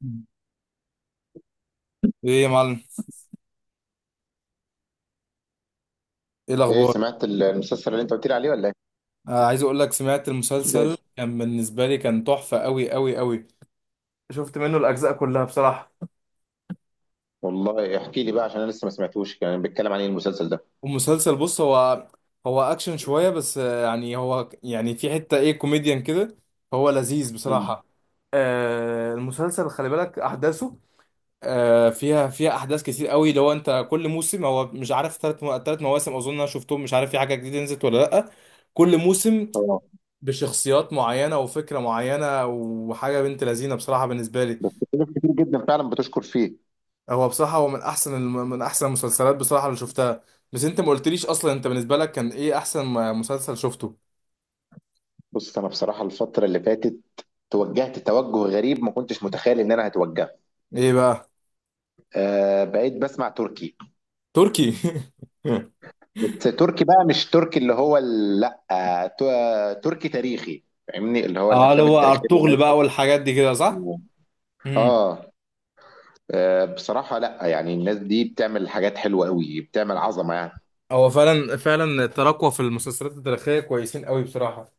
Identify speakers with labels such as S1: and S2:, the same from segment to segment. S1: مم. ايه يا معلم. ايه
S2: ايه
S1: الاخبار؟
S2: سمعت المسلسل اللي انت قلت لي عليه ولا ايه؟
S1: آه، عايز اقول لك سمعت
S2: زي
S1: المسلسل،
S2: الفل.
S1: كان بالنسبه لي كان تحفه قوي قوي قوي. شفت منه الاجزاء كلها بصراحه.
S2: والله احكي لي بقى، عشان انا لسه ما سمعتوش، يعني بيتكلم عن ايه المسلسل ده؟
S1: والمسلسل بص، هو اكشن شويه بس، يعني هو يعني في حته ايه كوميديان كده. هو لذيذ
S2: مم.
S1: بصراحه. آه، المسلسل خلي بالك احداثه، آه فيها احداث كتير قوي. لو انت كل موسم هو مش عارف، ثلاث مواسم اظن انا شفتهم، مش عارف في حاجه جديده نزلت ولا لا. كل موسم
S2: اه.
S1: بشخصيات معينة وفكرة معينة وحاجة بنت لذينة بصراحة بالنسبة لي.
S2: في ناس كتير جدا فعلا بتشكر فيه.
S1: هو بصراحة هو من أحسن المسلسلات بصراحة اللي شفتها. بس أنت ما قلتليش أصلا، أنت بالنسبة لك كان إيه أحسن مسلسل شفته؟
S2: بص انا بصراحه الفتره اللي فاتت توجهت توجه غريب، ما كنتش متخيل ان انا هتوجهه.
S1: إيه بقى؟
S2: آه، بقيت بسمع تركي.
S1: تركي؟
S2: بس تركي بقى مش تركي اللي هو لا، تركي تاريخي، فاهمني، اللي هو
S1: اه، اللي
S2: الافلام
S1: هو
S2: التاريخيه اللي
S1: ارطغرل
S2: الناس.
S1: بقى والحاجات دي كده، صح؟ امم.
S2: اه. بصراحه لا، يعني الناس دي بتعمل حاجات حلوه قوي، بتعمل عظمه يعني.
S1: هو فعلا فعلا تراكوا في المسلسلات التاريخية كويسين قوي بصراحة.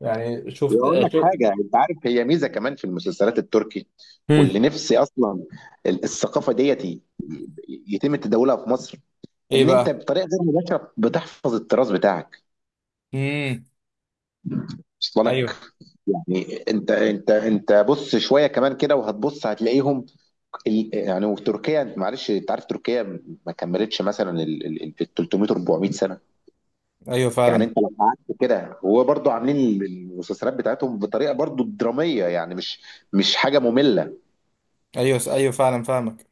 S1: يعني
S2: واقول لك
S1: شفت.
S2: حاجه، انت عارف هي ميزه كمان في المسلسلات التركي،
S1: مم.
S2: واللي نفسي اصلا الثقافه ديت يتم تداولها في مصر.
S1: ايه
S2: ان انت
S1: بقى؟
S2: بطريقه غير مباشره بتحفظ التراث بتاعك.
S1: امم.
S2: وصل
S1: ايوه
S2: لك. يعني انت بص، شويه كمان كده وهتبص هتلاقيهم. يعني وتركيا معلش انت عارف تركيا ما كملتش مثلا 300 400 سنه.
S1: ايوه
S2: يعني
S1: فعلا.
S2: انت لو قعدت كده، وهو برضو عاملين المسلسلات بتاعتهم بطريقه برضو دراميه، يعني مش حاجه ممله.
S1: ايوه ايوه فعلا فاهمك.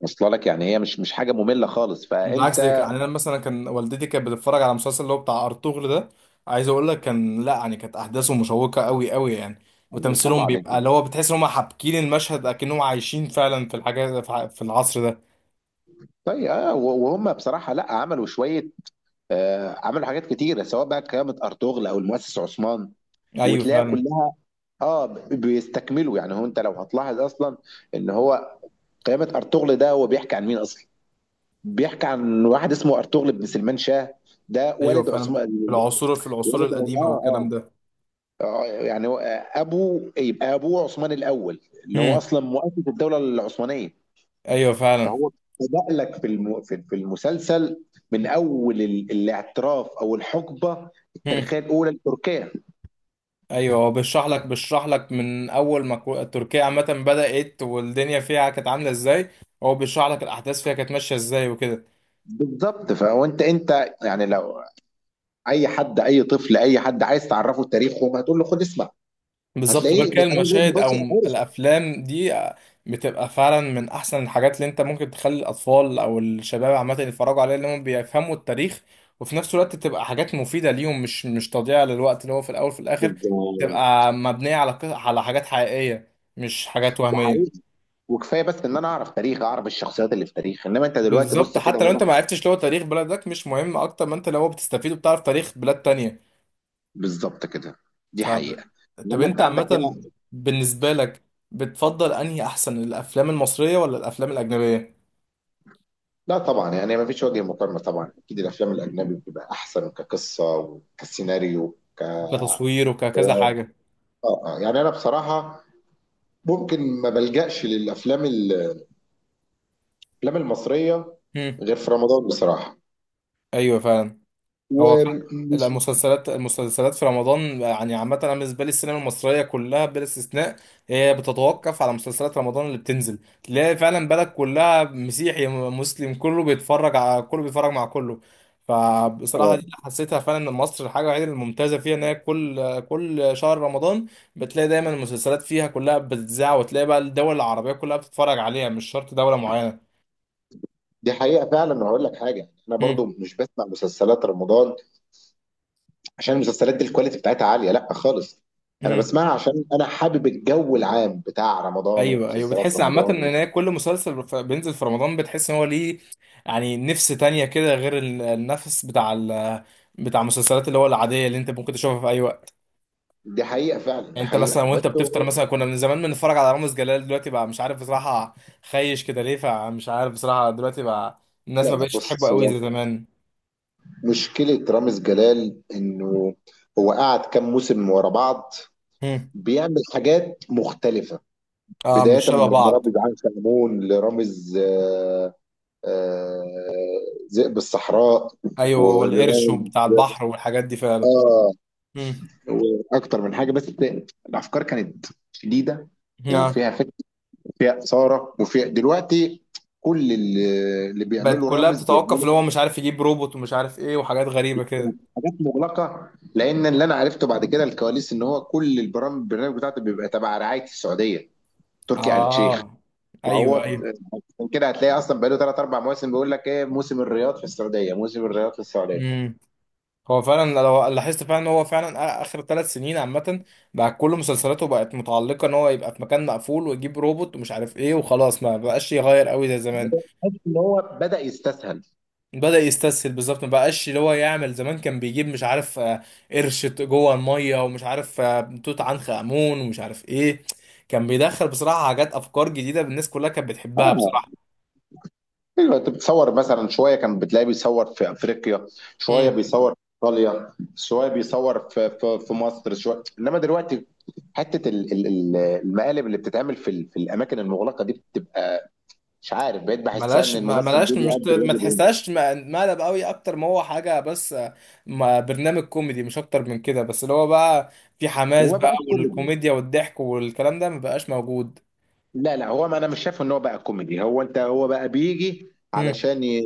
S2: واصله لك، يعني هي مش حاجه ممله خالص،
S1: بالعكس، ده
S2: فانت.
S1: يعني انا مثلا كان والدتي كانت بتتفرج على المسلسل اللي هو بتاع ارطغرل ده. عايز اقول لك كان، لا يعني كانت احداثه مشوقه قوي قوي يعني.
S2: أيوة
S1: وتمثيلهم
S2: طبعا انت.
S1: بيبقى اللي هو بتحس ان هم حابكين المشهد اكنهم عايشين فعلا في الحاجات، في العصر ده.
S2: طيب وهم بصراحه لا عملوا شويه. عملوا حاجات كتيره سواء بقى قيامه ارطغرل او المؤسس عثمان.
S1: ايوه
S2: وتلاقيها
S1: فعلا.
S2: كلها. اه، بيستكملوا، يعني هو انت لو هتلاحظ اصلا ان هو قيامه ارطغرل ده هو بيحكي عن مين اصلا؟ بيحكي عن واحد اسمه ارطغرل بن سلمان شاه. ده
S1: ايوه
S2: والد
S1: فعلا
S2: عثمان.
S1: في العصور
S2: والد، اه
S1: القديمه والكلام
S2: اه.
S1: ده.
S2: ابو، يبقى ابوه عثمان الاول اللي هو
S1: امم.
S2: اصلا مؤسس الدوله العثمانيه.
S1: ايوه فعلا.
S2: فهو بدأ لك في المسلسل، من اول الاعتراف او الحقبه
S1: امم.
S2: التاريخيه الاولى لتركيا.
S1: ايوه، هو بيشرح لك من اول ما تركيا عامه بدات والدنيا فيها كانت عامله ازاي. هو بيشرح لك الاحداث فيها كانت ماشيه ازاي وكده.
S2: بالظبط، فهو انت يعني لو اي حد، اي طفل، اي حد عايز تعرفه تاريخهم هتقول له خد اسمع.
S1: بالظبط، غير
S2: هتلاقيه
S1: كده
S2: بطريقه غير
S1: المشاهد او
S2: مباشره، عارف.
S1: الافلام دي بتبقى فعلا من احسن الحاجات اللي انت ممكن تخلي الاطفال او الشباب عامه يتفرجوا عليها، اللي هم بيفهموا التاريخ وفي نفس الوقت تبقى حاجات مفيده ليهم. مش تضييع للوقت اللي هو في الاول وفي الاخر
S2: بالظبط،
S1: تبقى مبنيه على على حاجات حقيقيه مش حاجات وهميه.
S2: وحقيقي. وكفايه بس ان انا اعرف تاريخ، اعرف الشخصيات اللي في تاريخ، انما انت دلوقتي
S1: بالظبط،
S2: بص كده
S1: حتى لو انت
S2: هنا.
S1: ما عرفتش اللي هو تاريخ بلدك، مش مهم اكتر ما انت لو بتستفيد وبتعرف تاريخ بلاد تانية.
S2: بالظبط كده. دي
S1: فب...
S2: حقيقه.
S1: طب
S2: انما
S1: انت
S2: انت عندك هنا.
S1: عامة بالنسبة لك بتفضل انهي، احسن الافلام المصرية ولا الافلام الاجنبية؟
S2: لا طبعا، يعني ما فيش وجه مقارنة، طبعا أكيد الأفلام الأجنبي بتبقى أحسن كقصة وكسيناريو ك آه
S1: كتصوير وككذا حاجة.
S2: يعني أنا بصراحة ممكن ما بلجأش للأفلام الأفلام المصرية
S1: مم.
S2: غير في رمضان بصراحة.
S1: ايوه فعلا. هو فعلا
S2: ومش.
S1: المسلسلات في رمضان. يعني عامة أنا بالنسبة لي السينما المصرية كلها بلا استثناء، هي بتتوقف على مسلسلات رمضان. اللي بتنزل تلاقي فعلا بلد كلها، مسيحي مسلم، كله بيتفرج على كله، بيتفرج مع كله. فبصراحة
S2: آه.
S1: دي اللي حسيتها فعلا، إن مصر الحاجة الوحيدة الممتازة فيها إن هي كل شهر رمضان بتلاقي دايما المسلسلات فيها كلها بتتذاع، وتلاقي بقى الدول العربية كلها بتتفرج عليها، مش شرط دولة معينة.
S2: دي حقيقة فعلا، وهقول لك حاجة، أنا برضو مش بسمع مسلسلات رمضان عشان المسلسلات دي الكواليتي بتاعتها عالية لا خالص. أنا
S1: مم.
S2: بسمعها عشان أنا حابب الجو العام بتاع رمضان
S1: ايوه ايوه
S2: ومسلسلات
S1: بتحس عامه
S2: رمضان
S1: ان هي كل مسلسل بينزل في رمضان بتحس ان هو ليه، يعني نفس تانية كده غير النفس بتاع بتاع المسلسلات اللي هو العاديه اللي انت ممكن تشوفها في اي وقت.
S2: دي حقيقة فعلا، دي
S1: يعني انت مثلا
S2: حقيقة وبس.
S1: وانت بتفطر مثلا كنا من زمان بنتفرج على رامز جلال. دلوقتي بقى مش عارف بصراحه، خايش كده ليه. فمش عارف بصراحه دلوقتي بقى
S2: لا
S1: الناس ما
S2: لا،
S1: بقتش تحبه
S2: بص
S1: قوي
S2: هو
S1: زي زمان.
S2: مشكلة رامز جلال إنه هو قعد كام موسم ورا بعض
S1: هم.
S2: بيعمل حاجات مختلفة،
S1: اه، مش
S2: بداية
S1: شبه
S2: من
S1: بعض.
S2: رامز عين شمعون لرامز آه، ذئب الصحراء،
S1: ايوه، والقرش
S2: ولرامز
S1: وبتاع البحر والحاجات دي فعلا.
S2: آه
S1: هم.
S2: وأكتر من حاجة. بس الأفكار كانت شديدة
S1: آه.
S2: وفيها فكر، فيها إثارة. وفيها دلوقتي كل اللي
S1: بقت
S2: بيعمله
S1: كلها
S2: رامز
S1: بتتوقف
S2: بيعمله
S1: اللي هو مش عارف، يجيب روبوت ومش عارف ايه وحاجات غريبه كده.
S2: حاجات مغلقه، لان اللي انا عرفته بعد كده الكواليس ان هو كل البرنامج بتاعته بيبقى تبع رعايه السعوديه، تركي آل الشيخ.
S1: اه
S2: فهو
S1: ايوه ايوه.
S2: عشان كده هتلاقي اصلا بقاله ثلاث اربع مواسم بيقول لك ايه، موسم الرياض في السعوديه، موسم الرياض في السعوديه.
S1: امم. هو فعلا لو لاحظت فعلا ان هو فعلا اخر 3 سنين عامه بقى كل مسلسلاته بقت متعلقه ان هو يبقى في مكان مقفول ويجيب روبوت ومش عارف ايه وخلاص، ما بقاش يغير قوي زي زمان.
S2: حاسس ان هو بدا يستسهل.
S1: بدأ يستسهل بالظبط، ما بقاش اللي هو يعمل زمان. كان بيجيب، مش عارف، قرش جوه الميه، ومش عارف، توت عنخ امون، ومش عارف ايه. كان بيدخل بصراحه حاجات افكار جديده الناس كلها كانت بتحبها.
S2: اه. ايوه، انت بتصور مثلا شويه كان بتلاقيه بيصور في افريقيا، شويه
S1: بصراحه
S2: بيصور في ايطاليا، شويه بيصور في مصر، شويه انما دلوقتي حته المقالب اللي بتتعمل في الاماكن المغلقه دي بتبقى مش عارف، بقيت بحسها ان
S1: ملهاش ما-
S2: الممثل ده
S1: ملهاش مش
S2: بيأدي
S1: ما
S2: الواجب هنا.
S1: تحسهاش مقلب قوي اكتر ما هو حاجه. بس برنامج كوميدي مش اكتر من كده. بس اللي هو بقى في
S2: هو
S1: حماس
S2: ما
S1: بقى،
S2: بقاش كوميدي.
S1: والكوميديا والضحك والكلام ده ما بقاش موجود.
S2: لا لا، هو ما انا مش شايف ان هو بقى كوميدي، هو هو بقى بيجي
S1: مم.
S2: علشان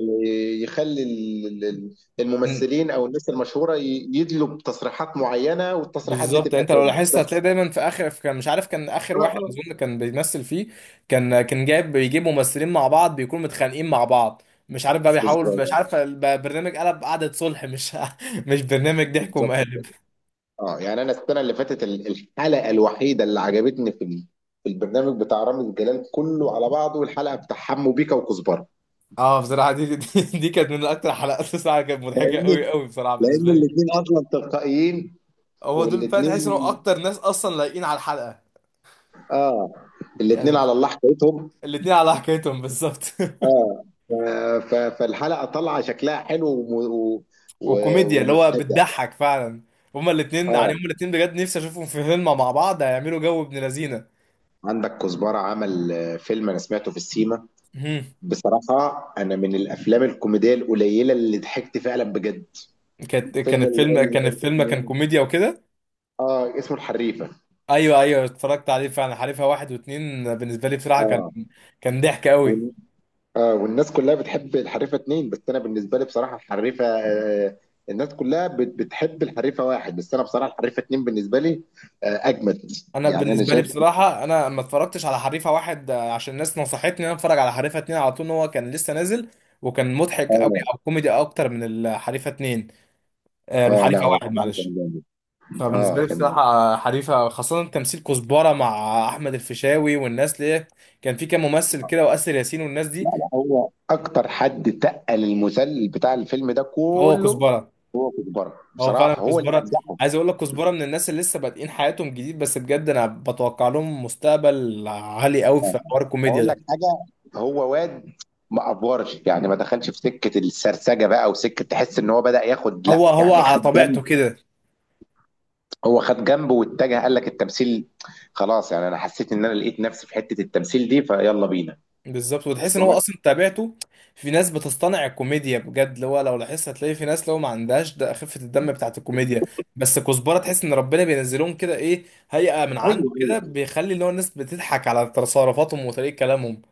S2: يخلي
S1: مم.
S2: الممثلين او الناس المشهوره يدلوا بتصريحات معينه، والتصريحات دي
S1: بالظبط، يعني
S2: تبقى
S1: انت لو
S2: ترند
S1: لاحظت هتلاقي
S2: بس.
S1: دايما في اخر، في كان مش عارف كان اخر
S2: اه
S1: واحد
S2: اه.
S1: اظن كان بيمثل فيه، كان بيجيب ممثلين مع بعض بيكونوا متخانقين مع بعض. مش عارف بقى بيحاول، مش
S2: بالظبط.
S1: عارف البرنامج قلب قعدة صلح، مش مش برنامج ضحك
S2: بالظبط كده.
S1: ومقالب.
S2: اه، يعني انا السنه اللي فاتت الحلقه الوحيده اللي عجبتني في البرنامج بتاع رامز جلال كله على بعضه الحلقه بتاع حمو بيكا وكزبره.
S1: اه بصراحة، دي كانت من اكتر حلقات بصراحة، كانت مضحكة
S2: لان
S1: قوي قوي بصراحة
S2: لان
S1: بالنسبة لي.
S2: الاثنين اصلا تلقائيين.
S1: هو دول فعلا تحس انهم
S2: والاتنين
S1: اكتر ناس اصلا لايقين على الحلقة.
S2: اه. الاتنين
S1: يعني
S2: على الله حكايتهم.
S1: الاتنين على حكايتهم بالظبط.
S2: اه، فالحلقه طالعه شكلها حلو
S1: وكوميديا اللي هو
S2: ومضحكه.
S1: بتضحك فعلا. هما الاتنين، يعني
S2: اه،
S1: هما الاتنين بجد نفسي اشوفهم في فيلم مع بعض، هيعملوا جو ابن لذينة.
S2: عندك كزبره عمل فيلم انا سمعته في السيما.
S1: مهم.
S2: بصراحه انا من الافلام الكوميديه القليله اللي ضحكت فعلا بجد.
S1: كانت كان
S2: فيلم
S1: الفيلم كان الفيلم
S2: اسمه
S1: كان
S2: إيه؟
S1: كوميديا وكده.
S2: اه، اسمه الحريفه.
S1: ايوه ايوه اتفرجت عليه فعلا. حريفة واحد واتنين بالنسبة لي بصراحة كان
S2: اه
S1: كان ضحك قوي.
S2: اه. والناس كلها بتحب الحريفه اتنين، بس انا بالنسبه لي بصراحه الحريفه الناس كلها بتحب الحريفه واحد بس انا بصراحه الحريفه اتنين بالنسبه لي اجمد.
S1: انا
S2: يعني انا
S1: بالنسبه لي
S2: شايف.
S1: بصراحه، انا ما اتفرجتش على حريفه واحد، عشان الناس نصحتني ان انا اتفرج على حريفه اتنين على طول، ان هو كان لسه نازل وكان مضحك قوي
S2: اه
S1: او كوميدي اكتر من الحريفه اتنين، من
S2: اه. لا
S1: حريفه
S2: هو
S1: واحد
S2: بصراحه
S1: معلش.
S2: كان جامد.
S1: فبالنسبه
S2: اه
S1: لي
S2: كان.
S1: بصراحه حريفه خاصه تمثيل كزبره مع احمد الفيشاوي والناس ليه. كان في كام ممثل كده، واسر ياسين والناس دي.
S2: لا لا هو اكتر حد تقل المسلسل بتاع الفيلم ده
S1: هو
S2: كله.
S1: كزبره.
S2: هو كزبره،
S1: هو فعلا
S2: بصراحه هو اللي
S1: كزبره.
S2: نجحه.
S1: عايز اقول لك كزبره من الناس اللي لسه بادئين حياتهم جديد، بس بجد انا بتوقع لهم مستقبل عالي قوي في حوار الكوميديا
S2: اقول
S1: ده.
S2: لك حاجه، هو واد ما افورش، يعني ما دخلش في سكه السرسجه بقى وسكه تحس ان هو بدا ياخد
S1: هو
S2: لا
S1: هو
S2: يعني
S1: على
S2: خد.
S1: طبيعته كده.
S2: هو خد جنبه واتجه قال لك التمثيل، خلاص. يعني انا حسيت ان انا لقيت نفسي في حته التمثيل دي فيلا بينا.
S1: بالظبط، وتحس
S2: أصل
S1: ان هو
S2: أنا-
S1: اصلا تابعته. في ناس بتصطنع الكوميديا بجد، اللي هو لو لاحظت هتلاقي في ناس لو ما عندهاش ده خفة الدم بتاعت الكوميديا. بس كزبرة تحس ان ربنا بينزلهم كده ايه، هيئة من عنده
S2: ايوه ايوه.
S1: كده، بيخلي اللي هو الناس بتضحك على تصرفاتهم وطريقة كلامهم.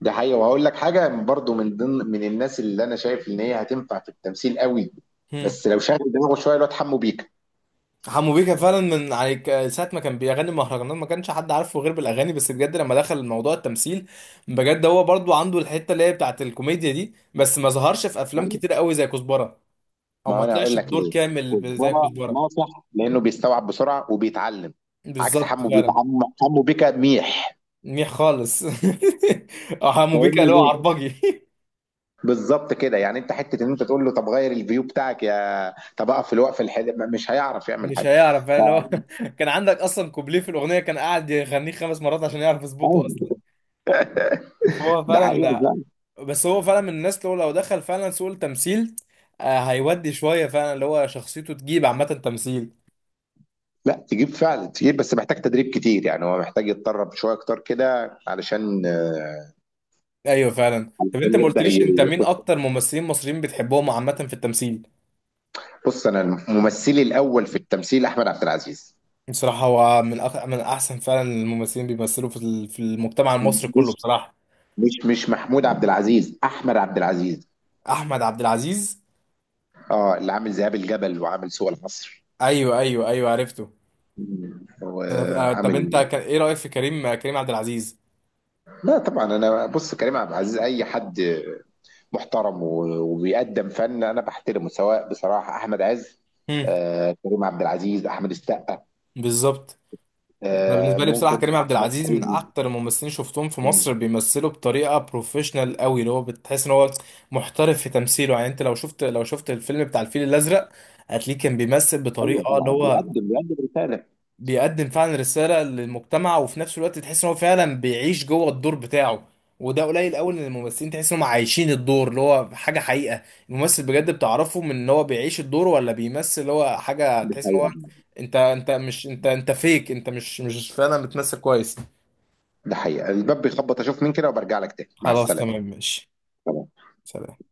S2: ده حقيقي، وهقول لك حاجه برضو من ضمن من الناس اللي انا شايف ان هي هتنفع في التمثيل قوي،
S1: هم.
S2: بس لو شغل دماغه شويه، الواد حمو بيكا.
S1: حمو بيكا فعلا من يعني ساعة ما كان بيغني مهرجانات ما كانش حد عارفه غير بالأغاني. بس بجد لما دخل موضوع التمثيل، بجد هو برضو عنده الحتة اللي هي بتاعت الكوميديا دي. بس ما ظهرش في أفلام كتير قوي زي كزبرة، أو
S2: ما
S1: ما
S2: انا هقول
S1: طلعش
S2: لك
S1: بدور
S2: ليه،
S1: كامل زي
S2: كزبره
S1: كزبرة.
S2: ناصح لانه بيستوعب بسرعه وبيتعلم. عكس
S1: بالظبط
S2: حمو بيكا،
S1: فعلا.
S2: حمو بيكا ميح.
S1: منيح خالص. حمو بيكا اللي هو
S2: فاهمني.
S1: عربجي.
S2: بالظبط كده، يعني انت حته ان انت تقول له طب غير الفيو بتاعك يا طب اقف في الوقف الحلو، مش هيعرف يعمل
S1: مش
S2: حاجه.
S1: هيعرف فعلا
S2: ف-
S1: اللي هو كان عندك اصلا كوبليه في الاغنيه كان قاعد يغنيه 5 مرات عشان يعرف يظبطه
S2: أيوة.
S1: اصلا. فهو
S2: ده
S1: فعلا
S2: حقيقه
S1: ده.
S2: فعلا.
S1: بس هو فعلا من الناس اللي هو لو دخل فعلا سوق التمثيل، هيودي شويه فعلا اللي هو شخصيته تجيب عامه تمثيل.
S2: لا تجيب فعلا تجيب، بس محتاج تدريب كتير، يعني هو محتاج يتدرب شويه اكتر كده علشان
S1: ايوه فعلا. طب انت
S2: عشان
S1: ما
S2: يبدا
S1: قلتليش انت مين
S2: يخش.
S1: اكتر ممثلين مصريين بتحبهم عامه في التمثيل؟
S2: بص انا ممثلي الاول في التمثيل احمد عبد العزيز.
S1: بصراحه هو من من احسن فعلا الممثلين بيمثلوا في في المجتمع المصري كله
S2: مش
S1: بصراحه.
S2: مش محمود عبد العزيز، احمد عبد العزيز.
S1: احمد عبد العزيز.
S2: اه، اللي عامل ذئاب الجبل وعامل سوق العصر.
S1: ايوه ايوه ايوه عرفته. انا طب انت
S2: وعامل.
S1: ايه رايك في كريم عبد العزيز؟
S2: لا طبعا، انا بص كريم عبد العزيز اي حد محترم وبيقدم فن انا بحترمه، سواء بصراحه احمد عز،
S1: امم.
S2: كريم عبد العزيز، احمد السقا،
S1: بالظبط. انا بالنسبه لي بصراحه
S2: ممكن
S1: كريم عبد
S2: احمد
S1: العزيز من
S2: حلمي.
S1: اكتر الممثلين شفتهم في
S2: مم.
S1: مصر بيمثلوا بطريقه بروفيشنال قوي. اللي هو بتحس ان هو محترف في تمثيله. يعني انت لو شفت الفيلم بتاع الفيل الازرق، هتلاقيه كان بيمثل
S2: ايوه
S1: بطريقه
S2: طبعا،
S1: اللي هو
S2: بيقدم رساله.
S1: بيقدم فعلا رسالة للمجتمع، وفي نفس الوقت تحس ان هو فعلا بيعيش جوه الدور بتاعه. وده قليل قوي ان الممثلين تحس انهم عايشين الدور، اللي هو حاجة حقيقة. الممثل بجد بتعرفه من ان هو بيعيش الدور ولا بيمثل، اللي هو حاجة
S2: ده
S1: تحس ان هو
S2: حقيقه.
S1: انت انت مش انت انت فيك انت مش فعلا بتمثل كويس.
S2: ده حقيقه، الباب بيخبط، اشوف مين كده وبرجع لك تاني. مع
S1: خلاص
S2: السلامه.
S1: تمام ماشي. سلام.